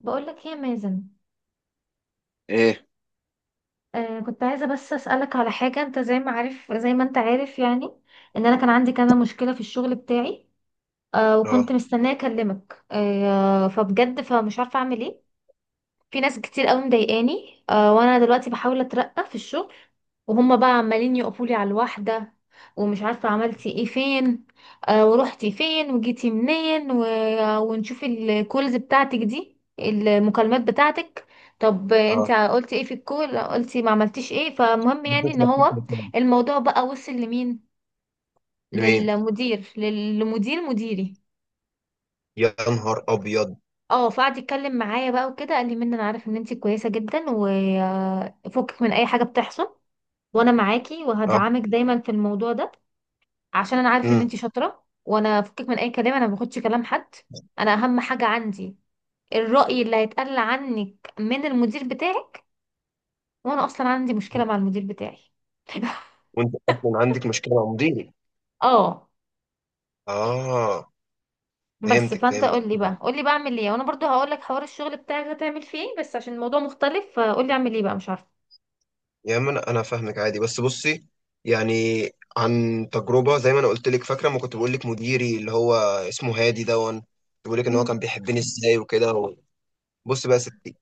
بقولك ايه يا مازن؟ ايه؟ كنت عايزة بس أسألك على حاجة، انت زي ما انت عارف، يعني ان انا كان عندي كذا مشكلة في الشغل بتاعي. وكنت مستنية اكلمك، فبجد فمش عارفة اعمل ايه. في ناس كتير قوي مضايقاني، وانا دلوقتي بحاول اترقى في الشغل، وهم بقى عمالين يقفولي على الواحده. ومش عارفه عملتي ايه، فين، ورحتي فين، وجيتي منين، ونشوف الكولز بتاعتك دي، المكالمات بتاعتك. طب انت اه، قلتي ايه في الكول؟ قلتي ما عملتيش ايه؟ فمهم يعني بديت ان لفيت هو مكان. الموضوع بقى وصل لمين. لمين؟ للمدير مديري. يا نهار ابيض! اه فقعد يتكلم معايا بقى وكده، قال لي: منى، انا عارف ان انتي كويسه جدا، وفكك من اي حاجه بتحصل، وانا معاكي اه. وهدعمك دايما في الموضوع ده، عشان انا عارف ان امم. انتي شاطره، وانا فكك من اي كلام، انا ما باخدش كلام حد. انا اهم حاجه عندي الراي اللي هيتقال عنك من المدير بتاعي، وانا اصلا عندي مشكله مع المدير بتاعي. وانت اصلا عندك مشكله مع مديري. اه اه. بس فهمتك فانت فهمتك قول لي بقى اعمل ايه، وانا برضو هقول لك حوار الشغل بتاعك هتعمل فيه ايه، بس عشان الموضوع مختلف، فقول لي اعمل ايه بقى، مش عارفه. يا ما انا فاهمك عادي، بس بصي. يعني عن تجربه، زي ما انا قلت لك، فاكره ما كنت بقول لك مديري اللي هو اسمه هادي دون؟ بقول لك ان هو امم كان بيحبني ازاي وكده. بص بقى يا ستي،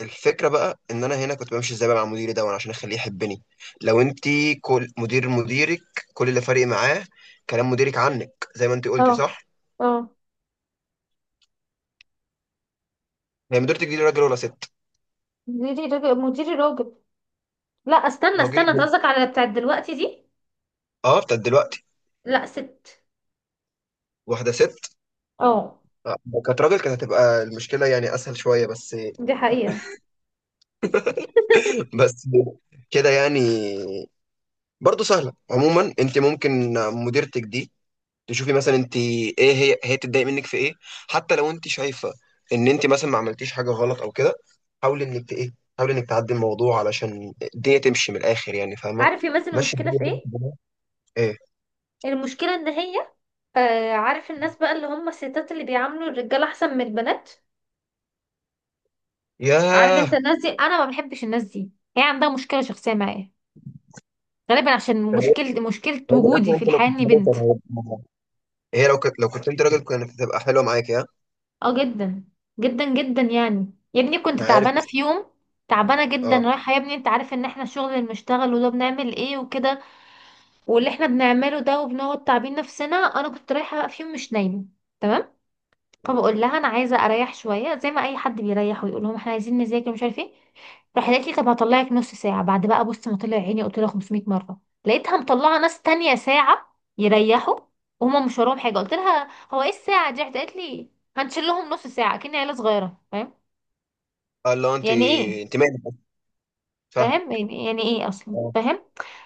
الفكره بقى ان انا هنا كنت بمشي ازاي بقى مع مديري ده، وانا عشان اخليه يحبني. لو انت كل مدير مديرك، كل اللي فارق معاه كلام مديرك عنك، زي ما انت اه، قلتي صح. اه، هي مديرتك دي راجل ولا ست؟ مديري راجل، مديري راجل. لا، استنى راجل؟ استنى، انت قصدك على بتاعت دلوقتي دي؟ اه، بتاعت دلوقتي؟ لا ست. واحده ست؟ اه. آه، كانت راجل كانت هتبقى المشكله يعني اسهل شويه، بس. دي حقيقة. بس كده يعني. برضه سهله عموما. انت ممكن مديرتك دي تشوفي مثلا انت ايه، هي بتتضايق منك في ايه، حتى لو انت شايفه ان انت مثلا ما عملتيش حاجه غلط او كده. حاولي انك ت- ايه حاولي انك تعدي الموضوع علشان الدنيا تمشي من الاخر، يعني فاهمه؟ عارف يا مازن ماشي المشكلة الدنيا في ايه؟ بالراحة. ايه؟ المشكلة ان هي، عارف الناس بقى اللي هم الستات اللي بيعاملوا الرجالة احسن من البنات؟ عارف انت ياه! الناس دي؟ انا ما بحبش الناس دي. هي عندها مشكلة شخصية معايا، غالبا عشان يعني مشكلة مشكلة يعني من وجودي الاخر، في انت لو الحياة كنت اني راجل كان بنت. هيبقى- هي لو كنت انت راجل، كانت هتبقى حلوه معاك يا... اه جدا، جدا جدا يعني. يا ابني كنت أنا عارف. تعبانة في يوم، تعبانة جدا، اه. رايحة، يا ابني انت عارف ان احنا الشغل اللي بنشتغله ده بنعمل ايه وكده، واللي احنا بنعمله ده، وبنقعد تعبين نفسنا. انا كنت رايحه في يوم مش نايمه، تمام؟ فبقول لها: انا عايزه اريح شويه، زي ما اي حد بيريح، ويقول لهم احنا عايزين نذاكر، مش عارف ايه. راح قالت لي: طب هطلعك نص ساعه. بعد بقى، بص، ما طلع عيني، قلت لها 500 مره، لقيتها مطلعه ناس تانية ساعه يريحوا وهم مش وراهم حاجه. قلت لها: هو ايه الساعه دي؟ راحت قالت لي: هنشيل لهم نص ساعه. كأني عيله صغيره، فاهم؟ اه اللي هو انت. يعني ايه؟ انت مالك أصلاً؟ فاهم. فاهم؟ يعني ايه اصلا؟ اه. فاهم؟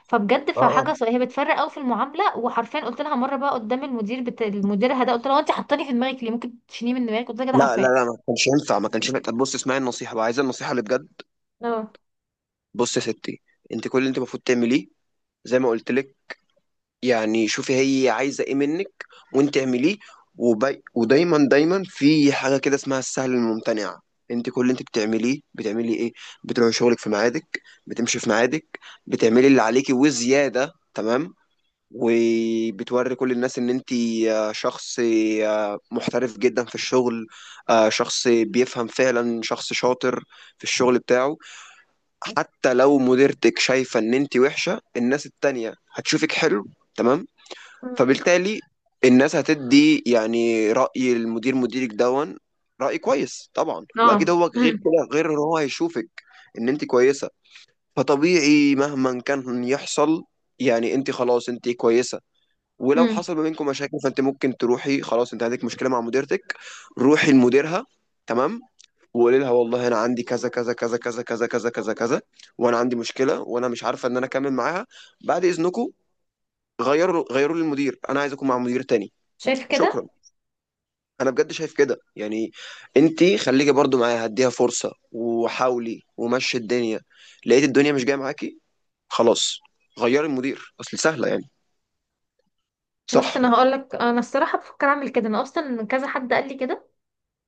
فبجد اه. آه. فحاجه هي بتفرق قوي في المعامله. وحرفيا قلت لها مره بقى قدام المدير، المدير ده، قلت لها: هو انت حطاني في دماغك ليه؟ ممكن تشيليه من دماغك؟ قلت لها كده لا لا حرفيا. لا، ما كانش ينفع، ما كانش ينفع. طب بص، اسمعي النصيحه بقى، عايزه النصيحه اللي بجد؟ اه. بص يا ستي، انت كل اللي انت المفروض تعمليه، زي ما قلت لك، يعني شوفي، هي عايزة ايه منك وانت اعمليه. ودايما دايما في حاجة كده اسمها السهل الممتنع. انت كل اللي انت بتعمليه بتعملي ايه؟ بتروحي شغلك في ميعادك، بتمشي في ميعادك، بتعملي اللي عليكي وزيادة، تمام. وبتوري كل الناس ان انت شخص، محترف جدا في الشغل، شخص بيفهم فعلا، شخص شاطر في الشغل بتاعه. حتى لو مديرتك شايفة ان انت وحشة، الناس التانية هتشوفك حلو، تمام. مم. فبالتالي الناس هتدي يعني رأي المدير مديرك دون. رأي كويس طبعا، واكيد اه. هو غير كده، غير ان هو هيشوفك ان انت كويسة. فطبيعي مهما كان يحصل، يعني انت خلاص انت كويسة. ولو امم حصل ما بينكم مشاكل، فانت ممكن تروحي، خلاص انت عندك مشكلة مع مديرتك، روحي لمديرها، تمام. وقولي لها والله انا عندي كذا كذا كذا كذا كذا كذا كذا كذا، وانا عندي مشكله وانا مش عارفه ان انا اكمل معاها، بعد اذنكم غيروا لي المدير، انا عايز اكون مع مدير تاني. شايف شكرا. كده؟ انا بجد شايف كده يعني. انت خليكي برضو معايا، هديها فرصه وحاولي ومشي الدنيا، لقيت الدنيا مش جايه معاكي، خلاص غيري المدير، اصل سهله يعني، بص، صح. انا هقول لك، انا الصراحه بفكر اعمل كده، انا اصلا كذا حد قال لي كده،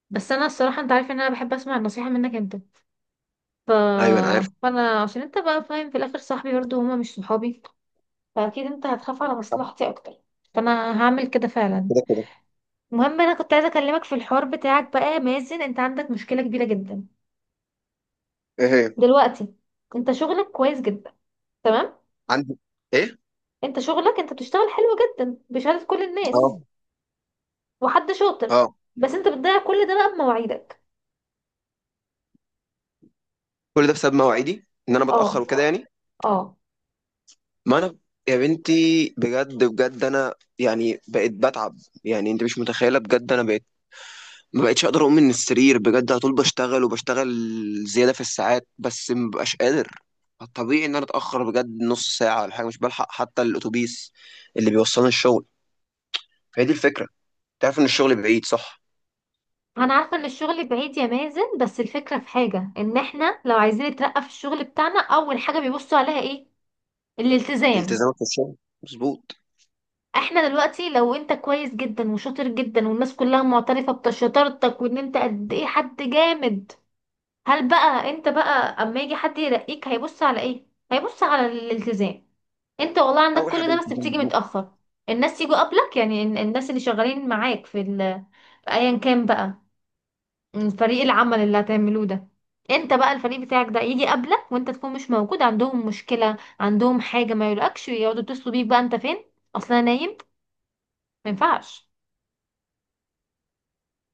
بس انا الصراحه انت عارف ان انا بحب اسمع النصيحه منك انت، ف... ايوه انا عارف. فانا عشان انت بقى فاهم في الاخر، صاحبي برضو، هما مش صحابي، فاكيد انت هتخاف على مصلحتي اكتر، فانا هعمل كده فعلا. كده كده. المهم، انا كنت عايزه اكلمك في الحوار بتاعك بقى يا مازن، انت عندك مشكله كبيره جدا ايه هي؟ دلوقتي. انت شغلك كويس جدا، تمام؟ عندي. ايه؟ انت شغلك، انت بتشتغل حلو جدا بشهاده كل الناس، اه. وحد شاطر. اه. بس انت بتضيع كل ده بقى بمواعيدك. كل ده بسبب مواعيدي، ان انا اه. بتاخر وكده يعني. اه، ما انا يا بنتي بجد بجد انا يعني بقيت بتعب، يعني انت مش متخيله بجد، انا بقيت ما بقتش اقدر اقوم من السرير بجد، على طول بشتغل وبشتغل زياده في الساعات، بس ما ببقاش قادر. طبيعي ان انا اتاخر بجد نص ساعه ولا حاجه، مش بلحق حتى الاتوبيس اللي بيوصلني الشغل. فهي دي الفكره، تعرف ان الشغل بعيد صح؟ انا عارفه ان الشغل بعيد يا مازن، بس الفكره في حاجه، ان احنا لو عايزين نترقى في الشغل بتاعنا، اول حاجه بيبصوا عليها ايه؟ الالتزام. التزامك في الشغل مظبوط. احنا دلوقتي لو انت كويس جدا وشاطر جدا، والناس كلها معترفه بشطارتك وان انت قد ايه حد جامد، هل بقى انت بقى اما يجي حد يرقيك هيبص على ايه؟ هيبص على الالتزام. انت والله عندك اول حاجه كل ده، بس الالتزام، بتيجي مظبوط. متأخر. الناس يجوا قبلك، يعني الناس اللي شغالين معاك في في ايا كان بقى، فريق العمل اللي هتعملوه ده، انت بقى الفريق بتاعك ده يجي قبلك وانت تكون مش موجود، عندهم مشكلة، عندهم حاجة، ما يقولكش، يقعدوا يتصلوا بيك بقى، انت فين؟ اصلا نايم. ما ينفعش.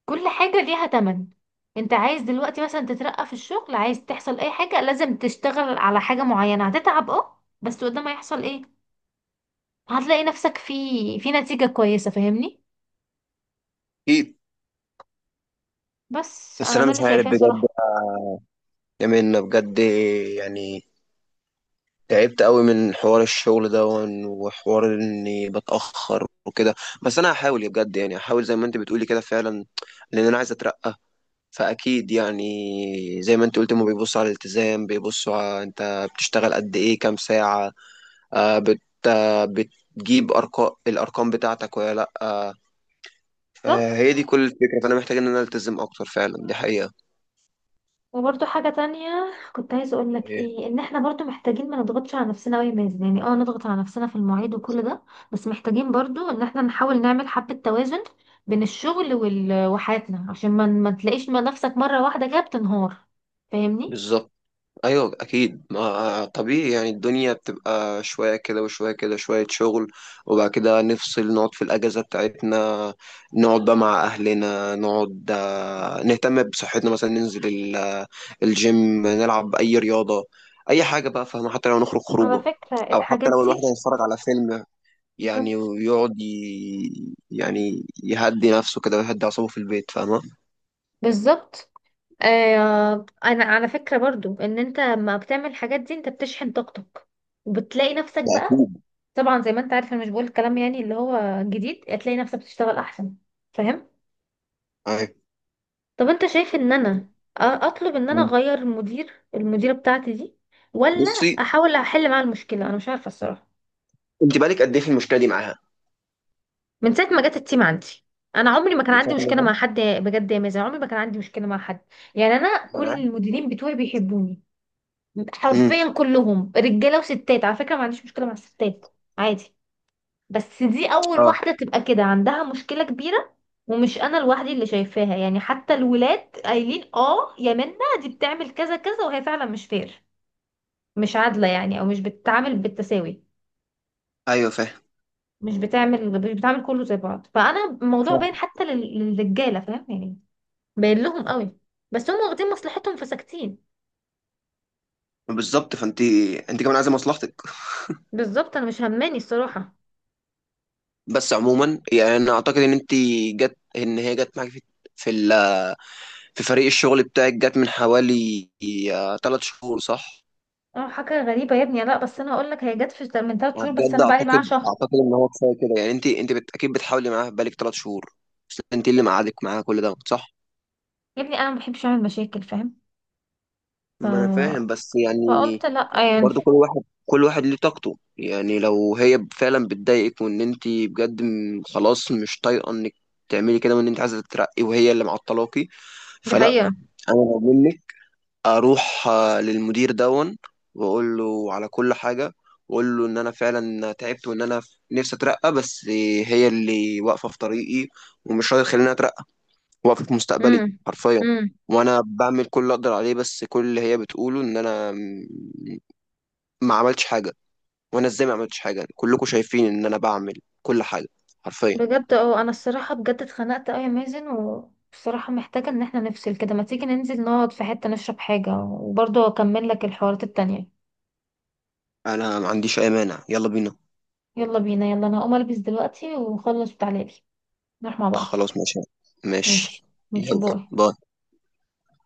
كل حاجة ليها تمن. انت عايز دلوقتي مثلا تترقى في الشغل، عايز تحصل اي حاجة، لازم تشتغل على حاجة معينة، هتتعب، اه، بس قدام هيحصل ايه؟ هتلاقي نفسك في نتيجة كويسة، فاهمني؟ اكيد. بس بس انا انا ده مش اللي عارف شايفاه بجد صراحة. يا منى، بجد، يعني تعبت قوي من حوار الشغل ده، وحوار اني بتأخر وكده. بس انا هحاول يا، بجد يعني هحاول زي ما انت بتقولي كده فعلا، لان انا عايز اترقى. فاكيد يعني زي ما انت قلت، ما بيبصوا على الالتزام، بيبصوا على انت بتشتغل قد ايه، كام ساعة. آه بت آه بتجيب ارقام، الارقام بتاعتك ولا لا. بالظبط. فهي دي كل الفكرة، فانا محتاج ان انا التزم اكتر فعلا، دي حقيقة. وبرضه حاجة تانية كنت عايزة اقول لك إيه، ايه، ان احنا برضه محتاجين ما نضغطش على نفسنا أوي يا مازن، يعني اه نضغط على نفسنا في المواعيد وكل ده، بس محتاجين برضه ان احنا نحاول نعمل حبة توازن بين الشغل وحياتنا، عشان ما تلاقيش ما نفسك مرة واحدة كده بتنهار، فاهمني؟ بالظبط. ايوه اكيد، ما طبيعي يعني، الدنيا بتبقى شويه كده وشويه كده، شويه شغل، وبعد كده نفصل، نقعد في الاجازه بتاعتنا، نقعد بقى مع اهلنا، نقعد نهتم بصحتنا مثلا، ننزل الجيم، نلعب اي رياضه، اي حاجه بقى، فاهمه؟ حتى لو نخرج على خروجه، فكرة او حتى الحاجات لو الواحد دي هيتفرج على فيلم يعني، بالظبط. ويقعد يعني يهدي نفسه كده، ويهدي اعصابه في البيت، فاهمه؟ بالظبط. آه، انا على فكرة برضو ان انت لما بتعمل الحاجات دي انت بتشحن طاقتك، وبتلاقي نفسك ده بقى، اكيد. طبعا زي ما انت عارف انا مش بقول الكلام يعني اللي هو جديد، هتلاقي نفسك بتشتغل احسن، فاهم؟ طب انت شايف ان انا اطلب ان انا أيوة. اغير مدير، المديره بتاعتي دي، ولا بصي، احاول احل معاها المشكله؟ انا مش عارفه الصراحه. انت بقالك قد ايه في المشكله دي معاها؟ من ساعه ما جت التيم عندي، انا عمري ما كان من عندي شغل مشكله ده. مع حد بجد يا مازن، عمري ما كان عندي مشكله مع حد. يعني انا ما كل انا عارف. المديرين بتوعي بيحبوني، امم. حرفيا كلهم، رجاله وستات، على فكره، ما عنديش مشكله مع الستات، عادي. بس دي اول اه. واحده تبقى كده عندها مشكله كبيره، ومش انا لوحدي اللي شايفاها يعني، حتى الولاد قايلين: اه يا منى، دي بتعمل كذا كذا، وهي فعلا مش فير، مش عادله يعني، او مش بتتعامل بالتساوي، ايوه فاهم. مش بتعمل، مش بتعمل كله زي بعض. فانا الموضوع باين فاهم. حتى للرجاله، فاهم يعني، باين لهم قوي، بس هم واخدين مصلحتهم فساكتين. بالظبط. فانت، انت كمان عايزه مصلحتك. بالظبط، انا مش هماني الصراحه. بس عموما يعني انا اعتقد ان انت جت ان هي جت معاك في, ال... في فريق الشغل بتاعك، جت من حوالي 3 شهور صح؟ اه حاجه غريبه يا ابني، لا بس انا هقول لك، هي جت في من 3 شهور، بس بجد انا بقالي معاها اعتقد شهر. اعتقد ان هو كفايه كده، يعني اكيد بتحاولي معاها بقالك 3 شهور، بس انت اللي مقعدك معاها كل ده صح؟ يا ابني انا ما بحبش اعمل مشاكل، فاهم؟ ف ما انا فاهم بس فقلت يعني لأ يعني. برضو كل واحد، كل واحد ليه طاقته. يعني لو هي فعلا بتضايقك وان انت بجد خلاص مش طايقه انك تعملي كده، وان انت عايزه تترقي وهي اللي معطلاكي، دي فلا. حقيقة. انا لو منك اروح للمدير دون، واقول له على كل حاجه، واقول له ان انا فعلا تعبت وان انا نفسي اترقى، بس هي اللي واقفه في طريقي ومش راضيه تخليني اترقى، واقفه في مستقبلي امم حرفيا. امم وانا بعمل كل اللي اقدر عليه، بس كل اللي هي بتقوله ان انا ما عملتش حاجه. وانا ازاي ما عملتش حاجه؟ كلكم شايفين ان انا بعمل كل حاجه، حرفيا. بجد انا الصراحة بجد اتخنقت اوي يا مازن، وبصراحة محتاجة ان احنا نفصل كده، ما تيجي ننزل نقعد في حتة نشرب حاجة، وبرضه اكمل لك الحوارات التانية. انا ما عنديش اي مانع، يلا بينا. يلا بينا، يلا، انا هقوم البس دلوقتي ونخلص وتعالي نروح مع بعض. خلاص ماشي. ماشي. ماشي. ماشي، يلا. باي. باي.